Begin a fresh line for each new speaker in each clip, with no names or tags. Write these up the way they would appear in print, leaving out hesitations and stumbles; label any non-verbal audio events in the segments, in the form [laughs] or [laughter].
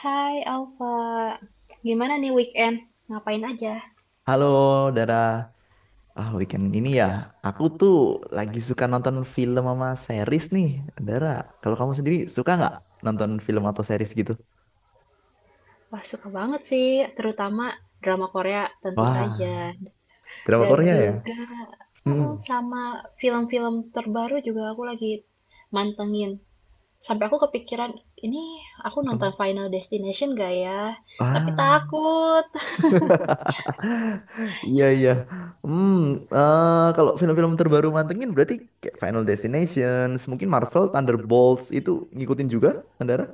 Hai Alfa, gimana nih weekend? Ngapain aja?
Halo, Dara. Weekend ini ya, aku tuh lagi suka nonton film sama series nih, Dara. Kalau kamu sendiri suka nggak nonton film atau series gitu?
Wah, suka banget sih, terutama drama Korea tentu saja.
Wah, drama
Dan
Korea ya?
juga mm-mm,
Hmm.
sama film-film terbaru juga aku lagi mantengin. Sampai aku kepikiran, ini aku nonton
Nonton.
Final Destination gak ya? Tapi
Ah,
takut.
[laughs] Iya, iya. Hmm, Kalau film-film terbaru mantengin berarti kayak Final Destination, mungkin Marvel, Thunderbolts itu ngikutin juga, kan, Dara?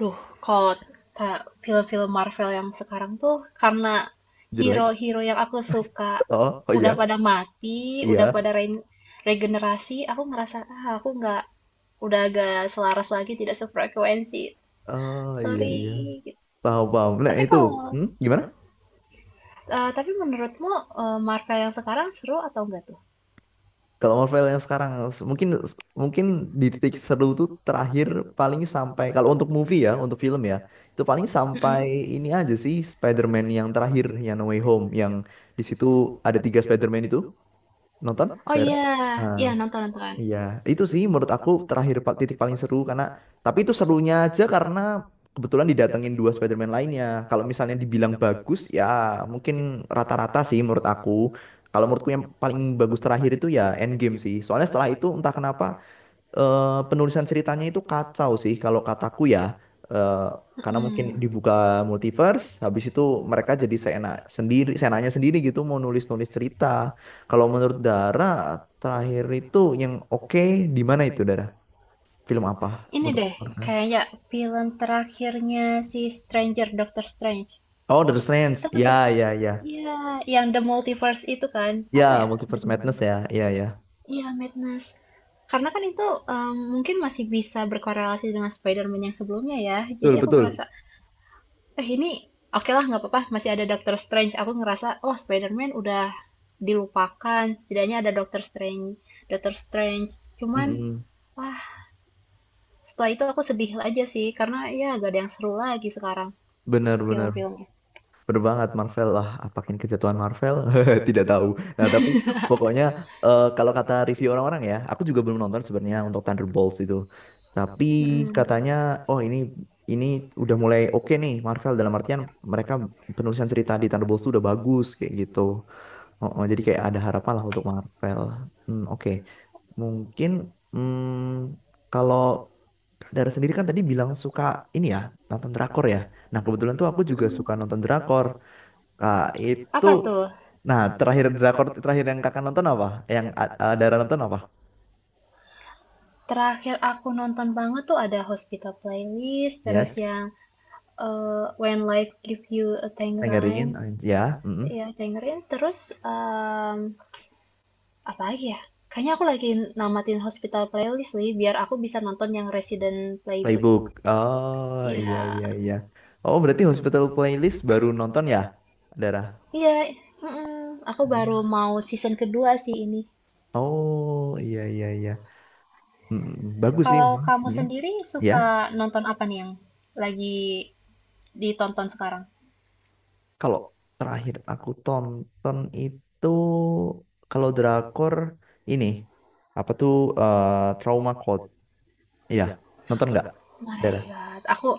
Duh, Kalau film-film Marvel yang sekarang tuh karena
Jelek.
hero-hero yang aku suka
Oh, oh
udah
iya.
pada mati, udah
Iya.
pada regenerasi, aku ngerasa aku nggak udah agak selaras lagi, tidak sefrekuensi.
Oh iya
Sorry.
iya.
Gitu.
Paham paham. Nah,
Tapi
itu.
kalau
Hmm, gimana?
tapi menurutmu Marvel yang sekarang seru atau enggak tuh?
Kalau Marvel yang sekarang mungkin mungkin di titik seru tuh terakhir paling sampai kalau untuk movie ya, untuk film ya, itu paling sampai
Mm-mm.
ini aja sih Spider-Man yang terakhir yang No Way Home yang di situ ada tiga Spider-Man itu nonton?
Oh
Daerah?
iya, iya, nonton nonton.
Iya, itu sih menurut aku terakhir titik paling seru karena tapi itu serunya aja karena kebetulan didatengin dua Spider-Man lainnya. Kalau misalnya dibilang bagus ya mungkin rata-rata sih menurut aku. Kalau menurutku yang paling bagus terakhir itu ya Endgame sih. Soalnya setelah itu entah kenapa eh, penulisan ceritanya itu kacau sih kalau kataku ya. Eh, karena mungkin
Mm-mm.
dibuka multiverse, habis itu mereka jadi seenak sendiri, seenaknya sendiri gitu mau nulis-nulis cerita. Kalau menurut Dara, terakhir itu yang oke di mana itu Dara? Film apa?
Ini
Untuk
deh, kayak film terakhirnya si Doctor Strange.
Oh, The
Itu
Strange.
aku
Ya,
se-
ya, ya.
Iya, yang The Multiverse itu kan, apa
Ya,
ya?
Multiverse Madness ya. Ya, ya.
Iya, Madness. Karena kan itu mungkin masih bisa berkorelasi dengan Spider-Man yang sebelumnya ya. Jadi
Betul,
aku
betul.
ngerasa, eh ini oke lah nggak apa-apa, masih ada Doctor Strange. Aku ngerasa, oh Spider-Man udah dilupakan, setidaknya ada Doctor Strange. Doctor Strange. Cuman,
Mm-mm.
wah, setelah itu aku sedih aja sih, karena ya gak ada yang seru lagi sekarang
Benar, benar.
film-filmnya.
Bener banget Marvel lah, apakin kejatuhan Marvel? [laughs] Tidak tahu. Nah, tapi pokoknya kalau kata review orang-orang ya, aku juga belum nonton sebenarnya untuk Thunderbolts itu. Tapi
Mm-mm.
katanya, oh ini udah mulai oke nih Marvel dalam artian mereka penulisan cerita di Thunderbolts itu udah bagus kayak gitu. Oh, oh, jadi kayak ada harapan lah untuk Marvel. Hmm, oke. Mungkin hmm, kalau Kak Dara sendiri kan tadi bilang suka ini ya, nonton drakor ya. Nah, kebetulan tuh aku juga
Mm-mm.
suka nonton drakor. Nah, itu
Apa tuh?
nah terakhir drakor terakhir yang kakak nonton apa? Yang Dara nonton apa?
Terakhir aku nonton banget tuh ada Hospital Playlist, terus
Yes,
yang When Life Give You a Tangerine,
Tangerine, ya, mm-mm.
ya Tangerine, terus apa lagi ya? Kayaknya aku lagi namatin Hospital Playlist nih, biar aku bisa nonton yang Resident Playbook.
Playbook. Oh iya
Iya,
iya iya. Oh berarti Hospital Playlist baru nonton ya, Dara?
iya, mm-mm. Aku
Hmm.
baru mau season kedua sih ini.
Oh iya iya iya. Mm-mm. Bagus sih
Kalau
memang.
kamu sendiri
Ya,
suka nonton apa nih yang lagi ditonton sekarang?
kalau terakhir aku tonton itu kalau drakor ini apa tuh Trauma Code? Iya, nonton nggak,
Oh My
Dara?
God, aku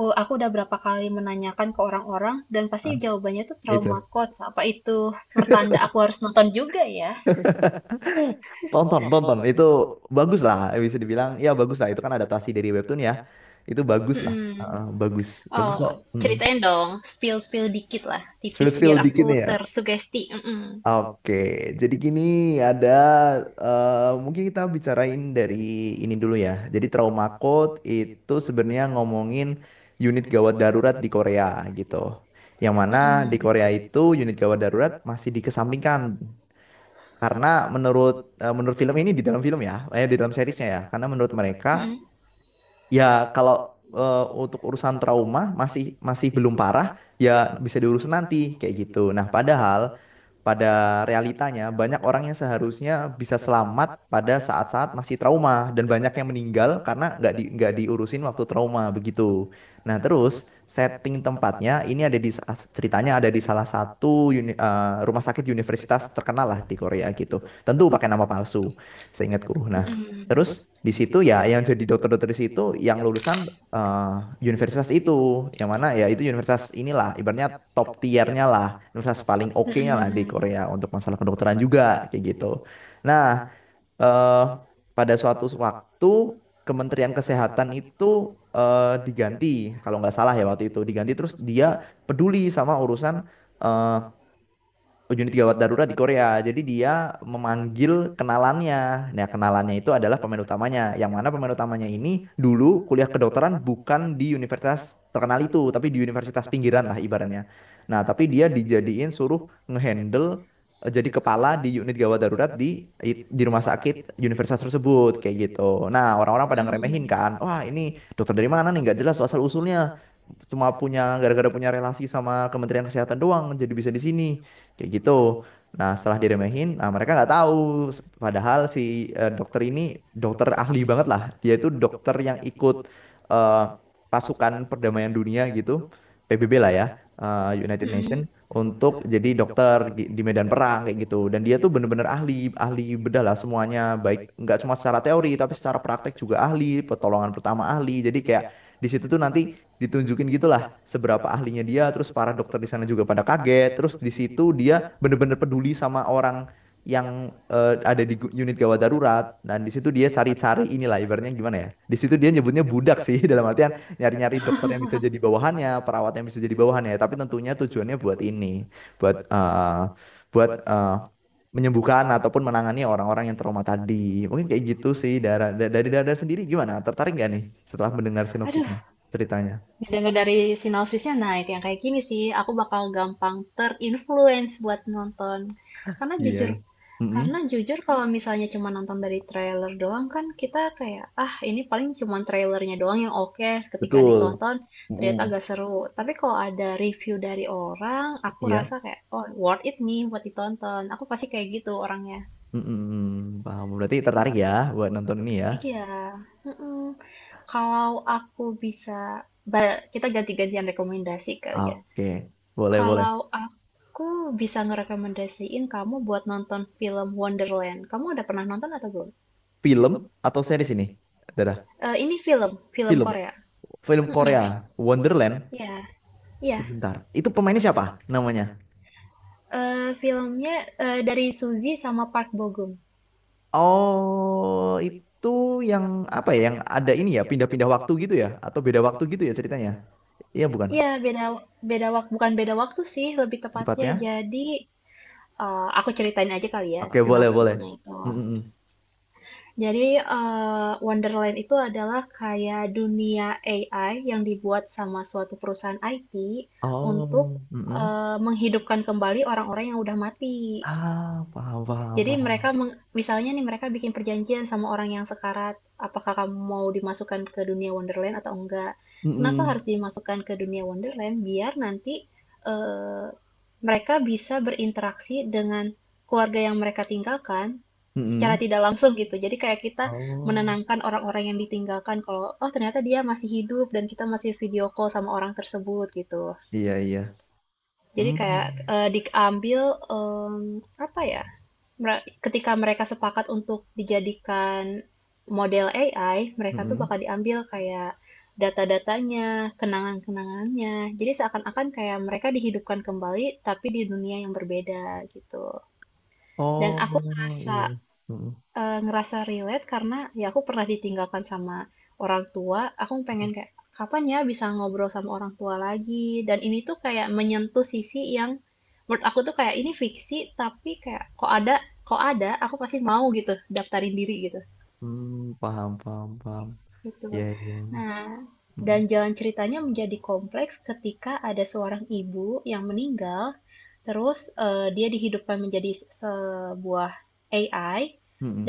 aku udah berapa kali menanyakan ke orang-orang dan pasti jawabannya tuh
Itu
trauma coach. Apa itu pertanda aku harus nonton juga ya?
[laughs] tonton tonton itu bagus lah bisa dibilang ya bagus lah itu kan adaptasi dari webtoon ya itu bagus lah.
Mhm.
Heeh, bagus bagus
Oh,
kok. Mm-mm.
ceritain dong, spill-spill dikit lah, tipis
Spill-spill
biar aku
dikit nih ya
tersugesti. Mhm,
oke jadi gini ada mungkin kita bicarain dari ini dulu ya jadi trauma code itu sebenarnya ngomongin unit gawat darurat di Korea gitu yang mana di
mhm,
Korea itu unit gawat darurat masih dikesampingkan. Karena menurut menurut film ini di dalam film ya, eh di dalam seriesnya ya. Karena menurut mereka
mhm,
ya, kalau untuk urusan trauma masih masih belum parah, ya bisa diurus nanti kayak gitu. Nah, padahal pada realitanya banyak orang yang seharusnya bisa selamat pada saat-saat masih trauma dan banyak yang meninggal karena nggak diurusin waktu trauma begitu. Nah, terus setting tempatnya ini ada di ceritanya ada di salah satu rumah sakit universitas terkenal lah di Korea gitu. Tentu pakai nama palsu, seingatku. Nah,
mhm,
di situ ya yang jadi dokter-dokter di situ yang lulusan eh, universitas itu, yang mana ya itu universitas inilah, ibaratnya top tiernya lah, universitas paling oke-nya lah di
mhm,
Korea untuk masalah kedokteran juga kayak gitu. Nah, eh, pada suatu waktu Kementerian Kesehatan itu diganti, kalau nggak salah ya waktu itu diganti, terus dia peduli sama urusan eh, unit gawat darurat di Korea. Jadi dia memanggil kenalannya. Nah, kenalannya itu adalah pemain utamanya. Yang mana pemain utamanya ini dulu kuliah kedokteran bukan di universitas terkenal itu, tapi di universitas pinggiran lah ibaratnya. Nah, tapi dia dijadiin suruh ngehandle jadi kepala di unit gawat darurat di rumah sakit universitas tersebut kayak gitu. Nah, orang-orang pada ngeremehin
mhm,
kan. Wah, ini dokter dari mana nih? Nggak jelas asal usulnya cuma punya gara-gara punya relasi sama Kementerian Kesehatan doang jadi bisa di sini kayak gitu nah setelah diremehin nah mereka nggak tahu padahal si dokter ini dokter ahli banget lah dia itu dokter yang ikut eh, pasukan perdamaian dunia gitu PBB lah ya United
mhm.
Nation untuk jadi dokter di medan perang kayak gitu dan dia tuh bener-bener ahli ahli bedah lah semuanya baik nggak cuma secara teori tapi secara praktek juga ahli pertolongan pertama ahli jadi kayak di situ tuh nanti ditunjukin gitulah seberapa ahlinya dia terus para dokter di sana juga pada kaget terus di situ dia bener-bener peduli sama orang yang ada di unit gawat darurat dan di situ dia cari-cari inilah ibaratnya gimana ya di situ dia nyebutnya budak sih dalam artian nyari-nyari dokter yang bisa jadi bawahannya perawat yang bisa jadi bawahannya tapi tentunya tujuannya buat ini buat buat menyembuhkan ataupun menangani orang-orang yang trauma tadi mungkin kayak gitu sih dari dari Dara sendiri gimana tertarik gak nih setelah mendengar
Aduh.
sinopsisnya ceritanya.
Dengar dari sinopsisnya, nah itu yang kayak gini sih, aku bakal gampang terinfluence buat nonton. Karena
Iya.
jujur, karena
Mm-mm,
jujur kalau misalnya cuma nonton dari trailer doang kan kita kayak, ah ini paling cuma trailernya doang yang oke ketika
betul.
ditonton ternyata
Mm-mm.
agak seru. Tapi kalau ada review dari orang, aku
Iya.
rasa kayak, oh worth it nih buat ditonton. Aku pasti kayak gitu orangnya.
Mm-mm, paham. Berarti tertarik
Gitu.
ya buat nonton ini ya.
Iya, mm-mm. Kalau aku bisa, ba- Kita ganti-gantian rekomendasi kali ya.
Oke. Boleh, boleh.
Kalau aku bisa ngerekomendasiin kamu buat nonton film Wonderland. Kamu udah pernah nonton atau belum?
Film atau series ini? Dadah.
Eh, ini film
Film.
Korea.
Film
Mm-mm.
Korea. Wonderland.
Ya, ya.
Sebentar. Itu pemainnya siapa namanya?
Eh, filmnya dari Suzy sama Park Bo Gum.
Oh, itu yang apa ya? Yang ada ini ya, pindah-pindah waktu gitu ya? Atau beda waktu gitu ya ceritanya? Iya bukan?
Iya, beda beda waktu, bukan beda waktu sih, lebih tepatnya.
Tepatnya?
Jadi, aku ceritain aja kali ya
Oke, boleh, boleh.
sinopsisnya itu.
Mm-mm.
Jadi, Wonderland itu adalah kayak dunia AI yang dibuat sama suatu perusahaan IT untuk,
Oh, mm-mm.
menghidupkan kembali orang-orang yang udah mati.
Ah, paham, paham,
Jadi
paham.
mereka misalnya nih mereka bikin perjanjian sama orang yang sekarat, apakah kamu mau dimasukkan ke dunia Wonderland atau enggak? Kenapa
Mm-mm.
harus dimasukkan ke dunia Wonderland? Biar nanti eh, mereka bisa berinteraksi dengan keluarga yang mereka tinggalkan secara
Mm-mm.
tidak langsung gitu. Jadi kayak kita
Oh,
menenangkan orang-orang yang ditinggalkan kalau oh ternyata dia masih hidup dan kita masih video call sama orang tersebut gitu.
iya iya.
Jadi kayak
Mm.
diambil em, apa ya? Ketika mereka sepakat untuk dijadikan model AI, mereka tuh
Mm-mm.
bakal diambil kayak data-datanya, kenangan-kenangannya. Jadi seakan-akan kayak mereka dihidupkan kembali, tapi di dunia yang berbeda gitu. Dan aku
Oh
ngerasa
iya. Mm-mm.
Ngerasa relate karena ya aku pernah ditinggalkan sama orang tua, aku pengen kayak, "Kapan ya bisa ngobrol sama orang tua lagi?" Dan ini tuh kayak menyentuh sisi yang menurut aku tuh kayak ini fiksi, tapi kayak kok ada, aku pasti mau gitu daftarin diri gitu.
Mm, paham paham paham.
Gitu.
Iya iya.
Nah, dan
Mm-mm.
jalan ceritanya menjadi kompleks ketika ada seorang ibu yang meninggal, terus eh, dia dihidupkan menjadi sebuah AI,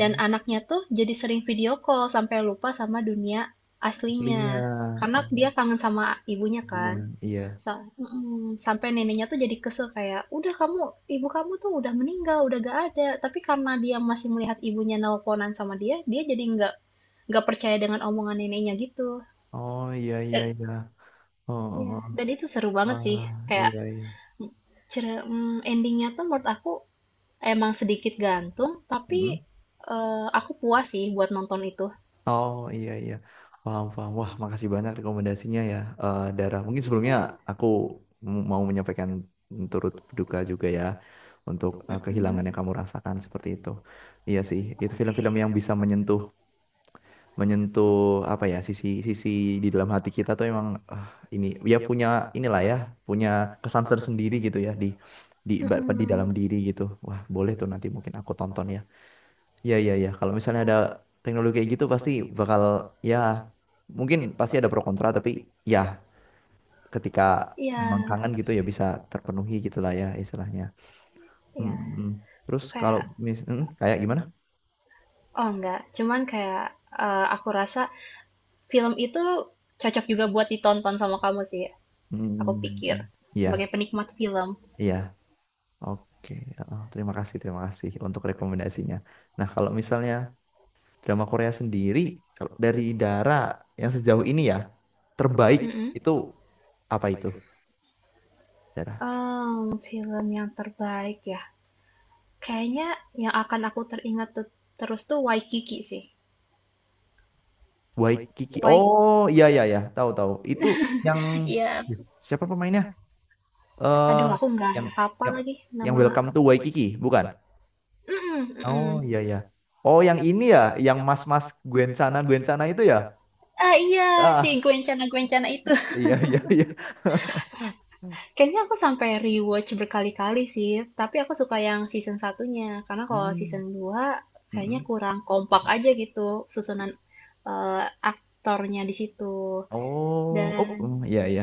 dan anaknya tuh jadi sering video call sampai lupa sama dunia aslinya.
Linya,
Karena
oh,
dia kangen sama ibunya
punya.
kan.
Iya.
Sa mhm, sampai neneknya tuh jadi kesel kayak, "Udah kamu ibu kamu tuh udah meninggal, udah gak ada." Tapi karena dia masih melihat ibunya nelponan sama dia, dia jadi nggak percaya dengan omongan neneknya gitu.
Oh iya iya
Dan
iya. Oh, oh,
ya
oh.
dan itu seru banget sih.
Wah,
Kayak,
iya
m cere mmm, ending tuh menurut aku emang sedikit gantung, tapi,
iya.
aku puas sih buat nonton itu.
Oh iya iya paham paham wah makasih banyak rekomendasinya ya Dara mungkin sebelumnya aku mau menyampaikan turut berduka juga ya untuk kehilangan
Mhm.
yang kamu rasakan seperti itu iya sih itu film-film
Oke.
yang bisa menyentuh menyentuh apa ya sisi sisi di dalam hati kita tuh emang ah, ini ya punya inilah ya punya kesan tersendiri gitu ya di di di dalam
Mhm.
diri gitu wah boleh tuh nanti mungkin aku tonton ya. Iya, iya, iya. Kalau misalnya
Ya,
ada teknologi kayak gitu pasti bakal, ya mungkin pasti ada pro kontra, tapi ya ketika memang
iya
kangen gitu ya bisa terpenuhi gitulah ya istilahnya. Hmm,
iya.
hmm. Terus kalau
Kayak
kayak gimana?
oh enggak, cuman kayak eh, aku rasa film itu cocok juga buat ditonton sama kamu sih, aku
Hmm,
pikir
iya,
sebagai penikmat film.
iya. Oke, oh, terima kasih untuk rekomendasinya. Nah, kalau misalnya drama Korea sendiri, kalau dari Dara yang sejauh ini ya terbaik
Mm-mm.
itu apa itu?
Em, film yang terbaik ya, kayaknya yang akan aku teringat terus tuh Waikiki sih.
Waikiki.
Waik,
Oh, iya iya ya, tahu tahu. Itu yang
Iya.
siapa pemainnya? Eh
Aduh aku nggak
yang
hafal
yang
lagi
yang
nama.
Welcome to Waikiki, bukan?
Mm-mm,
Oh,
mm-mm.
iya iya. Oh, yang ini ya, yang mas-mas Gwen sana itu ya?
Ah iya, si
Ah,
Gwencana Gwencana itu.
iya iya iya. [laughs]
Kayaknya aku sampai rewatch berkali-kali sih, tapi aku suka yang season satunya. Karena kalau
Mm,
season 2 kayaknya
mm,
kurang kompak
kurang
aja gitu
lebih.
susunan eh, aktornya di situ.
Oh, oh,
Dan
mm, iya iya.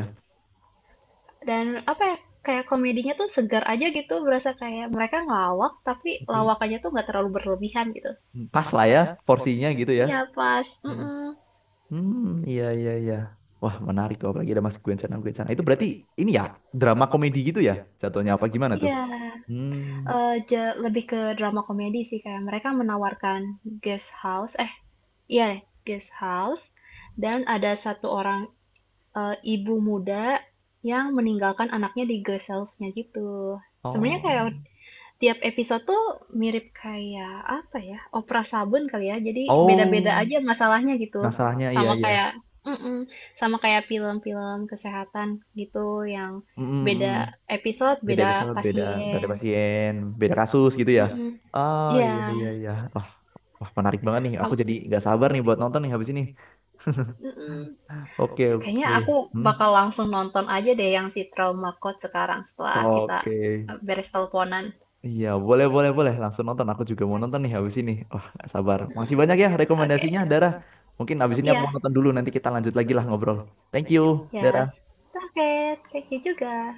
dan apa ya? Kayak komedinya tuh segar aja gitu, berasa kayak mereka ngelawak tapi
Tapi
lawakannya tuh nggak terlalu berlebihan gitu.
mm, pas lah ya porsinya gitu ya.
Iya, pas.
Hmm.
Mm-mm.
Hmm, iya iya iya. Wah, menarik tuh apalagi ada Mas Gwen sana, Gwen sana. Itu berarti ini ya drama komedi gitu ya jatuhnya apa gimana tuh?
Iya.
Hmm.
Eee, ja Lebih ke drama komedi sih, kayak mereka menawarkan guest house eh, iya deh, guest house dan ada satu orang, ibu muda yang meninggalkan anaknya di guest house-nya gitu. Sebenarnya
Oh.
kayak tiap episode tuh mirip kayak, apa ya, opera sabun kali ya, jadi
Oh,
beda-beda aja masalahnya gitu.
masalahnya iya
Sama
iya.
kayak mhm, sama kayak film-film kesehatan gitu yang
Mm, mm, mm.
beda episode,
Beda
beda
episode, beda beda
pasien.
pasien, beda kasus gitu ya.
Mhm.
Oh,
Iya,
iya iya iya. Wah, wah menarik banget nih. Aku
kam
jadi nggak sabar nih buat nonton nih habis ini.
mhm.
Oke,
Kayaknya
oke.
aku
Hmm.
bakal langsung nonton aja deh yang si Trauma Code sekarang setelah kita,
Oke.
beres teleponan.
Iya, boleh, boleh, boleh. Langsung nonton. Aku juga mau nonton nih habis ini. Wah, nggak sabar. Masih
Mhm.
banyak ya
Oke.
rekomendasinya, Dara. Mungkin habis ini aku mau
Iya,
nonton dulu. Nanti kita lanjut lagi lah ngobrol. Thank you,
yes.
Dara.
Oke, thank you juga.